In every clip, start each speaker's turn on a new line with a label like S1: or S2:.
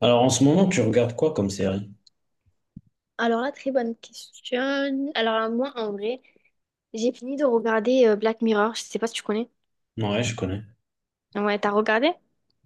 S1: Alors en ce moment, tu regardes quoi comme série?
S2: Alors là, très bonne question. Alors là, moi, en vrai, j'ai fini de regarder Black Mirror. Je sais pas si tu connais.
S1: Ouais, je connais.
S2: Ouais, t'as regardé?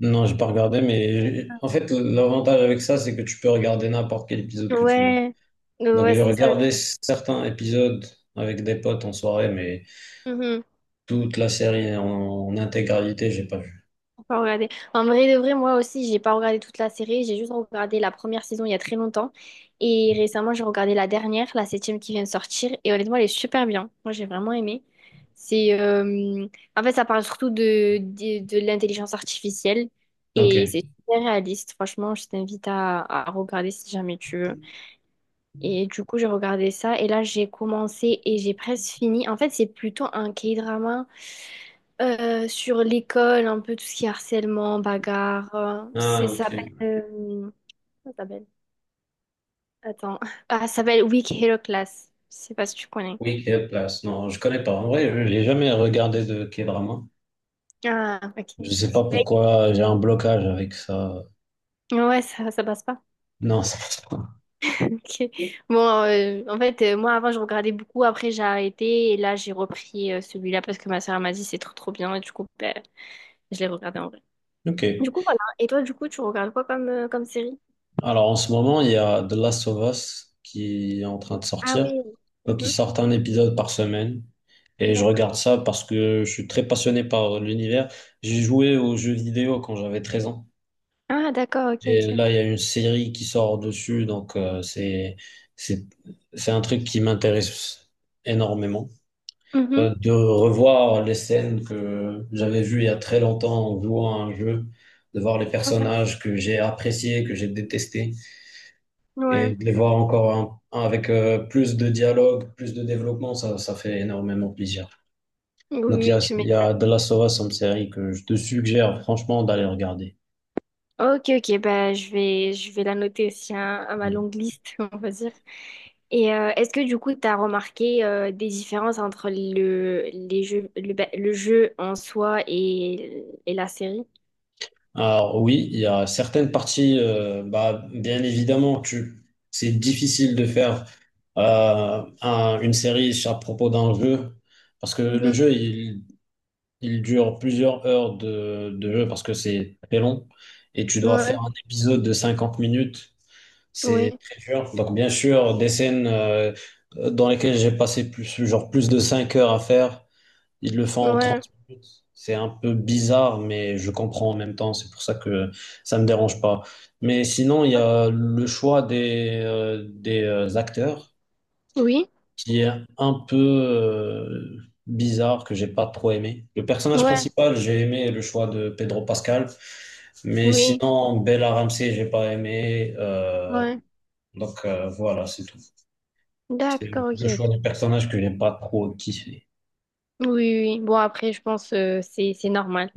S1: Non, j'ai pas regardé, mais en fait, l'avantage avec ça, c'est que tu peux regarder n'importe quel épisode que tu veux.
S2: Ouais.
S1: Donc
S2: Ouais,
S1: j'ai
S2: c'est ça,
S1: regardé
S2: genre.
S1: certains épisodes avec des potes en soirée, mais
S2: Mhm.
S1: toute la série en intégralité, j'ai pas vu.
S2: Faut pas regarder. En vrai de vrai, moi aussi, j'ai pas regardé toute la série. J'ai juste regardé la première saison il y a très longtemps. Et récemment, j'ai regardé la dernière, la septième qui vient de sortir. Et honnêtement, elle est super bien. Moi, j'ai vraiment aimé. C'est, euh, En fait, ça parle surtout de l'intelligence artificielle.
S1: Ok.
S2: Et c'est super réaliste. Franchement, je t'invite à regarder si jamais tu veux. Et du coup, j'ai regardé ça et là, j'ai commencé et j'ai presque fini. En fait, c'est plutôt un K-drama sur l'école, un peu tout ce qui est harcèlement, bagarre.
S1: Ah, ok.
S2: Comment ça s'appelle? Attends. Ah, ça s'appelle Weak Hero Class. Je sais pas si tu connais.
S1: Oui, quelle place. Non, je connais pas. En vrai, je n'ai jamais regardé de K-drama.
S2: Ah, ok.
S1: Je sais pas
S2: Ouais,
S1: pourquoi j'ai un blocage avec ça.
S2: ouais, ça passe pas.
S1: Non, ça passe pas.
S2: Ok. Bon, en fait, moi, avant, je regardais beaucoup. Après, j'ai arrêté et là, j'ai repris celui-là parce que ma soeur m'a dit c'est trop, trop bien. Et du coup, ben, je l'ai regardé.
S1: Ok.
S2: Du coup, voilà. Et toi, du coup, tu regardes quoi comme, comme série?
S1: Alors en ce moment, il y a The Last of Us qui est en train de
S2: Ah
S1: sortir.
S2: oui.
S1: Donc ils
S2: Mhm.
S1: sortent un épisode par semaine. Et je regarde
S2: D'accord.
S1: ça parce que je suis très passionné par l'univers. J'ai joué aux jeux vidéo quand j'avais 13 ans.
S2: Ah, d'accord, ok,
S1: Et
S2: ok.
S1: là, il y a une série qui sort dessus. Donc c'est, c'est un truc qui m'intéresse énormément.
S2: Mhm.
S1: De revoir les scènes que j'avais vues il y a très longtemps en jouant à un jeu, de voir les
S2: Ouais.
S1: personnages que j'ai appréciés, que j'ai détestés.
S2: Ouais.
S1: Et de les voir encore un avec plus de dialogue, plus de développement, ça fait énormément plaisir.
S2: Oui, oui,
S1: Donc
S2: oui, tu
S1: il y a The
S2: m'étonnes.
S1: Last of Us, une série que je te suggère franchement d'aller regarder.
S2: Ok, ok, bah, je vais la noter aussi hein, à ma
S1: Mm.
S2: longue liste, on va dire. Et est-ce que du coup, tu as remarqué des différences entre les jeux, le jeu en soi et la série?
S1: Alors oui, il y a certaines parties, bah, bien évidemment, c'est difficile de faire une série à propos d'un jeu, parce que
S2: Mhm.
S1: il dure plusieurs heures de jeu, parce que c'est très long, et tu dois faire
S2: Ouais,
S1: un épisode de 50 minutes. C'est
S2: oui.
S1: très dur. Donc, bien sûr, des scènes dans lesquelles j'ai passé plus, genre plus de 5 heures à faire, ils le font en
S2: Ouais,
S1: 30 minutes. C'est un peu bizarre, mais je comprends en même temps. C'est pour ça que ça me dérange pas. Mais sinon, il y
S2: ouais,
S1: a le choix des acteurs
S2: oui,
S1: qui est un peu bizarre, que j'ai pas trop aimé. Le personnage
S2: ouais,
S1: principal, j'ai aimé le choix de Pedro Pascal. Mais
S2: oui,
S1: sinon, Bella Ramsey, j'ai pas aimé.
S2: ouais.
S1: Voilà, c'est tout. C'est
S2: D'accord, ok,
S1: le choix des
S2: ok.
S1: personnages que j'ai pas trop kiffé.
S2: Oui, oui, oui. Bon, après, je pense c'est normal.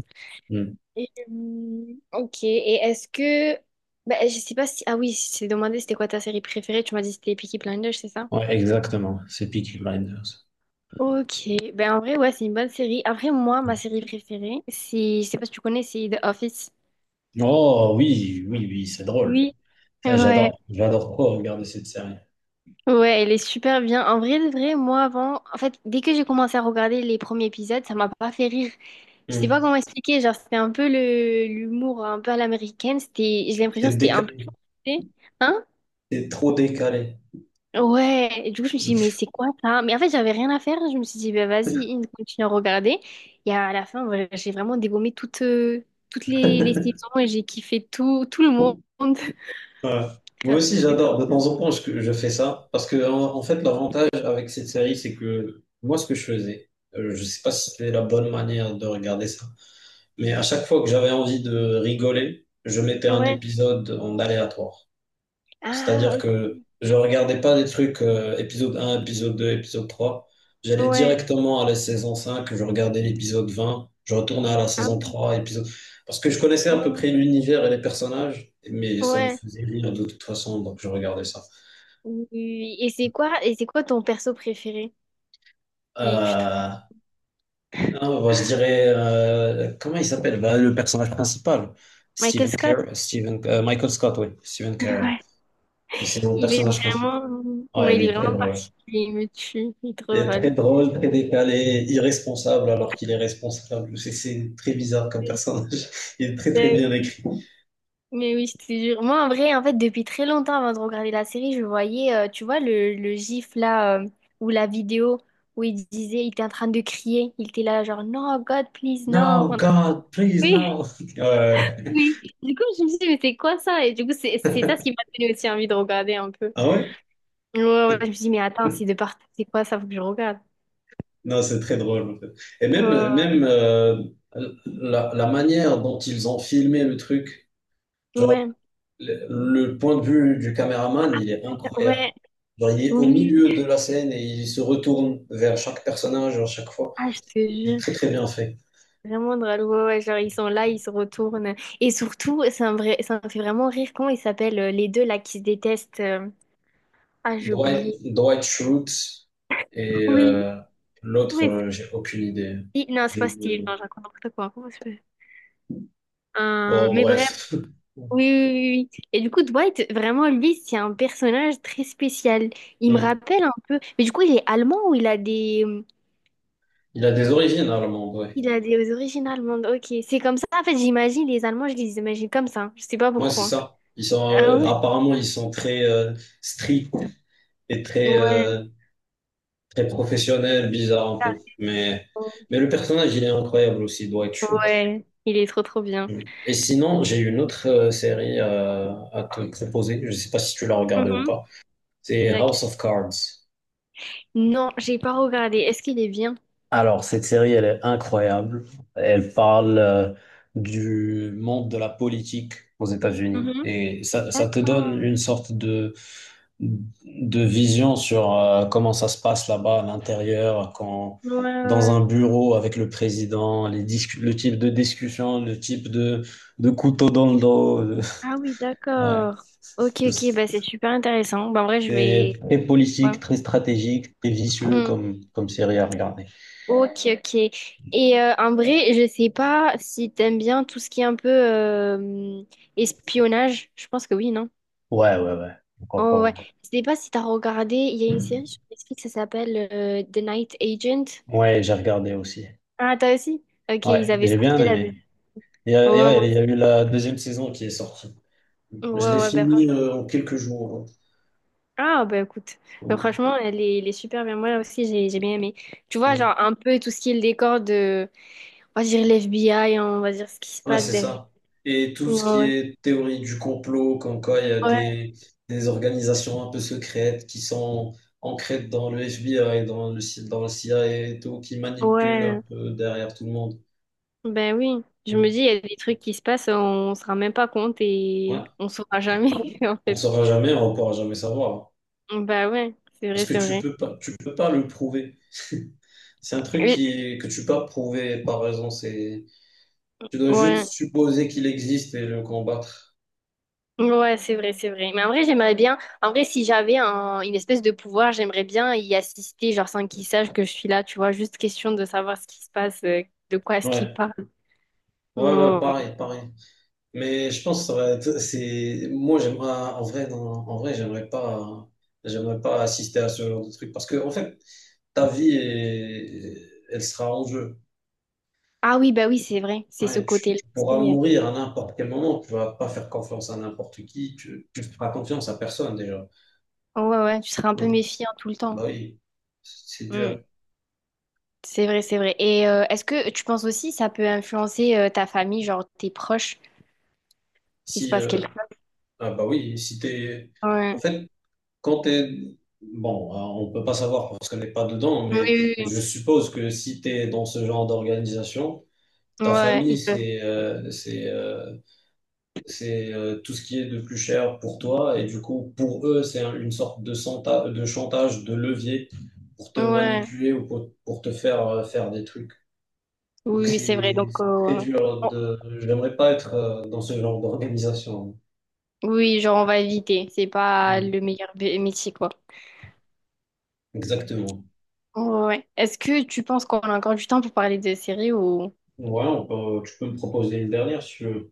S1: Hmm.
S2: Et, ok. Et est-ce que... Bah, je sais pas si... Ah oui, je t'ai demandé c'était quoi ta série préférée. Tu m'as dit c'était Peaky Blinders, c'est ça?
S1: Ouais, exactement. C'est Peaky Blinders.
S2: Ok. Ben, en vrai, ouais, c'est une bonne série. Après, moi, ma série préférée, c'est... Je sais pas si tu connais, c'est The Office.
S1: Oh oui, oui, oui, c'est drôle.
S2: Oui.
S1: Ça,
S2: Ouais.
S1: j'adore. J'adore trop regarder cette série.
S2: Ouais, elle est super bien. En vrai, de vrai, moi avant, en fait, dès que j'ai commencé à regarder les premiers épisodes, ça m'a pas fait rire. Je sais pas
S1: Hmm.
S2: comment expliquer, genre c'était un peu le l'humour un peu à l'américaine, c'était j'ai l'impression
S1: C'est
S2: que c'était un
S1: décalé,
S2: peu forcé. Hein?
S1: c'est trop décalé.
S2: Ouais, et du coup je me suis dit mais c'est quoi ça? Mais en fait, j'avais rien à faire, je me suis dit bah vas-y, continue à regarder. Et à la fin, voilà, j'ai vraiment dégommé toutes toutes les saisons et j'ai kiffé tout le monde.
S1: Ouais. Moi
S2: Grave,
S1: aussi,
S2: c'était trop
S1: j'adore. De
S2: bien.
S1: temps en temps, je fais ça. Parce que, en fait, l'avantage avec cette série, c'est que moi, ce que je faisais, je sais pas si c'était la bonne manière de regarder ça, mais à chaque fois que j'avais envie de rigoler, je mettais un
S2: Ouais.
S1: épisode en aléatoire.
S2: Ah,
S1: C'est-à-dire que
S2: OK.
S1: je regardais pas des trucs épisode un, épisode deux, épisode trois. J'allais
S2: Ouais.
S1: directement à la saison cinq, je regardais l'épisode vingt, je retournais à la
S2: Ah
S1: saison
S2: oui.
S1: trois, épisode... Parce que je connaissais à peu
S2: Ouais,
S1: près l'univers et les personnages, mais ça me
S2: ouais.
S1: faisait rire de toute façon, donc je regardais ça.
S2: Oui. Et c'est quoi ton perso préféré? Si tu te-
S1: Euh, non, bah, je dirais... comment il s'appelle? Bah, le personnage principal.
S2: Michael Scott?
S1: Michael Scott, oui. Stephen Carell.
S2: Ouais.
S1: Mais c'est mon
S2: Il est
S1: personnage principal.
S2: vraiment,
S1: Ouais,
S2: ouais, il
S1: il
S2: est
S1: est très
S2: vraiment
S1: drôle.
S2: particulier, il me tue, il est trop
S1: Est très
S2: drôle.
S1: drôle, très décalé, irresponsable alors qu'il est responsable. C'est très bizarre comme
S2: Euh,
S1: personnage. Il est très
S2: ben
S1: bien
S2: oui.
S1: écrit.
S2: Mais oui, je te jure. Moi, en vrai, en fait, depuis très longtemps avant de regarder la série, je voyais, tu vois, le gif là, ou la vidéo où il disait, il était en train de crier, il était là, genre, non, God, please, non.
S1: No, God, please,
S2: Oui,
S1: no. Ouais.
S2: oui. Du coup, je me suis dit, mais c'est quoi ça? Et du coup, c'est ça ce qui m'a donné aussi envie de regarder un peu.
S1: Ah ouais?
S2: Ouais, ouais, je me suis dit, mais attends, c'est quoi ça? Faut que je regarde.
S1: Non, c'est très drôle. En fait. Et
S2: Euh,
S1: même la manière dont ils ont filmé le truc, genre
S2: ouais,
S1: le point de vue du caméraman, il est incroyable.
S2: ouais,
S1: Genre, il est au
S2: oui.
S1: milieu de la scène et il se retourne vers chaque personnage à chaque fois.
S2: Ah, je te
S1: C'est
S2: jure,
S1: très très bien fait.
S2: vraiment drôle. Ouais, ouais, genre, ils sont là, ils se retournent. Et surtout, c'est un vrai, ça me fait vraiment rire. Comment ils s'appellent, les deux là qui se détestent? Euh, ah, j'ai oublié.
S1: Dwight Schrute et
S2: Oui,
S1: l'autre,
S2: oui.
S1: j'ai aucune idée.
S2: Steve- Non, c'est
S1: J'ai
S2: pas Steve,
S1: oublié.
S2: non, je raconte n'importe quoi. Comment ça s'appelle.
S1: Oh,
S2: Mais bref,
S1: bref.
S2: oui, oui, oui, oui, oui. Et du coup, Dwight, vraiment, lui, c'est un personnage très spécial. Il me
S1: Hmm.
S2: rappelle un peu. Mais du coup, il est allemand ou il a des.
S1: Il a des origines allemandes, ouais.
S2: Il a des origines allemandes. Ok, c'est comme ça. En fait, j'imagine les Allemands, je les imagine comme ça. Je sais pas
S1: Ouais, c'est
S2: pourquoi.
S1: ça.
S2: Ah ouais?
S1: Apparemment, ils sont très stricts et
S2: Ouais.
S1: très professionnels, bizarres un peu.
S2: Ah,
S1: Mais le personnage, il est incroyable aussi, Dwight Schrute.
S2: ouais. Il est trop trop bien.
S1: Hmm. Et sinon, j'ai une autre série à te proposer. Je sais pas si tu l'as regardée ou
S2: Mhm.
S1: pas. C'est
S2: C'est laquelle?
S1: House of Cards.
S2: Non, j'ai pas regardé. Est-ce qu'il est bien?
S1: Alors, cette série, elle est incroyable. Elle parle du monde de la politique aux États-Unis.
S2: Mhm.
S1: Et ça te donne
S2: D'accord.
S1: une sorte de vision sur comment ça se passe là-bas à l'intérieur, quand,
S2: Ouais, ouais,
S1: dans
S2: ouais.
S1: un bureau avec le président, le type de discussion, le type de couteau dans le dos. De-
S2: Ah oui,
S1: Ouais.
S2: d'accord. Ok, ok, bah c'est super intéressant. Bah, en vrai, je
S1: C'est
S2: vais.
S1: très
S2: Ouais.
S1: politique, très stratégique, très vicieux
S2: Mhm.
S1: comme série à regarder.
S2: Ok, ok. Et en vrai, je sais pas si t'aimes bien tout ce qui est un peu espionnage. Je pense que oui, non?
S1: Ouais, ouais, ouais. Pourquoi
S2: Oh
S1: pas,
S2: ouais, je sais pas si t'as regardé, il y a
S1: ouais.
S2: une série sur Netflix, ça s'appelle The Night Agent.
S1: Ouais, j'ai regardé aussi.
S2: Ah, t'as aussi? Ok,
S1: Ouais,
S2: ils avaient
S1: j'ai bien
S2: sorti la deux.
S1: aimé.
S2: Ouais, moi
S1: Il y
S2: aussi.
S1: a eu la deuxième saison qui est sortie.
S2: Ouais,
S1: Je l'ai
S2: ouais, ben
S1: fini
S2: franchement.
S1: en quelques jours.
S2: Ah, ben écoute,
S1: Hein.
S2: ben,
S1: Ouais,
S2: franchement, elle est super bien. Moi aussi, j'ai bien aimé. Tu vois,
S1: mm.
S2: genre un peu tout ce qui est le décor de, on va dire l'FBI, on va dire ce qui se
S1: Ouais,
S2: passe
S1: c'est
S2: derrière.
S1: ça. Et tout ce qui
S2: Ouais,
S1: est théorie du complot, comme quoi il y a
S2: ouais,
S1: des organisations un peu secrètes qui sont ancrées dans le FBI, dans le CIA et tout, qui manipulent un
S2: ouais.
S1: peu derrière tout le monde.
S2: Ben oui, je me
S1: Mm.
S2: dis, il y a des trucs qui se passent, on se rend même pas compte et
S1: Ouais,
S2: on saura jamais, en
S1: on ne
S2: fait.
S1: saura jamais, on ne pourra jamais savoir. Hein.
S2: Ben ouais, c'est
S1: Parce
S2: vrai,
S1: que
S2: c'est vrai.
S1: tu peux pas le prouver. C'est un truc
S2: Oui,
S1: que tu peux pas prouver par raison. C'est, tu dois
S2: ouais.
S1: juste supposer qu'il existe et le combattre.
S2: Ouais, c'est vrai, c'est vrai. Mais en vrai, j'aimerais bien. En vrai, si j'avais un- une espèce de pouvoir, j'aimerais bien y assister, genre sans qu'ils sachent que je suis là, tu vois. Juste question de savoir ce qui se passe, de quoi est-ce qu'ils
S1: Ouais.
S2: parlent.
S1: Ouais, ouais,
S2: Oh.
S1: pareil, pareil. Mais je pense que ça va être, c'est, moi, j'aimerais, en vrai, non, en vrai, j'aimerais pas assister à ce genre de truc parce que, en fait, elle sera en jeu.
S2: Ah oui, bah oui, c'est vrai. C'est ce
S1: Ouais,
S2: côté-là
S1: tu pourras
S2: aussi, euh.
S1: mourir à n'importe quel moment. Tu vas pas faire confiance à n'importe qui. Tu feras confiance à personne, déjà.
S2: Ouais, ouais, tu seras un peu
S1: Hein.
S2: méfiant tout le temps.
S1: Bah oui, c'est
S2: Mm.
S1: dur.
S2: C'est vrai, c'est vrai. Et est-ce que tu penses aussi ça peut influencer ta famille, genre tes proches, s'il se
S1: Si,
S2: passe quelque chose?
S1: Ah bah oui, si t'es... En
S2: Ouais.
S1: fait, quand t'es... Bon, hein, on peut pas savoir parce qu'on n'est pas dedans, mais
S2: Oui, oui,
S1: je suppose que si t'es dans ce genre d'organisation,
S2: oui.
S1: ta
S2: Ouais,
S1: famille,
S2: il peut.
S1: c'est tout ce qui est de plus cher pour toi, et du coup, pour eux, c'est une sorte de, de chantage, de levier pour te
S2: Ouais.
S1: manipuler ou pour te faire faire des trucs. Donc
S2: Oui, oui, c'est vrai.
S1: c'est
S2: Donc,
S1: c'est très dur de... J'aimerais pas être dans ce genre d'organisation.
S2: oui, genre on va éviter. C'est pas
S1: Mm,
S2: le meilleur bé- métier, quoi.
S1: exactement.
S2: Ouais. Est-ce que tu penses qu'on a encore du temps pour parler de séries ou...
S1: Ouais, tu peux me proposer une dernière si tu veux.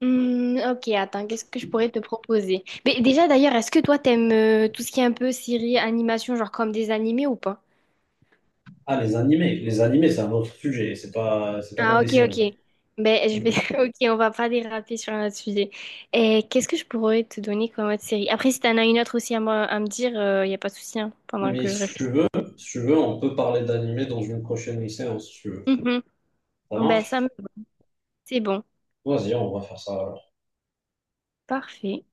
S2: Hmm, ok, attends, qu'est-ce que je pourrais te proposer? Mais déjà d'ailleurs, est-ce que toi t'aimes tout ce qui est un peu série, animation, genre comme des animés ou pas?
S1: Ah, les animés. Les animés, c'est un autre sujet. C'est pas comme
S2: Ah
S1: les
S2: ok,
S1: séries.
S2: ok. Ben je
S1: Ok.
S2: vais... Ok, on va pas déraper sur un autre sujet. Et qu'est-ce que je pourrais te donner comme autre série? Après, si t'en as une autre aussi à me dire, il y a pas de souci, hein, pendant
S1: Mais
S2: que je
S1: si
S2: réfléchis.
S1: tu veux, si tu veux, on peut parler d'animés dans une prochaine séance, si tu veux.
S2: Mhm.
S1: Ça
S2: Ben ça, me-
S1: marche?
S2: c'est bon.
S1: Vas-y, on va faire ça.
S2: Parfait.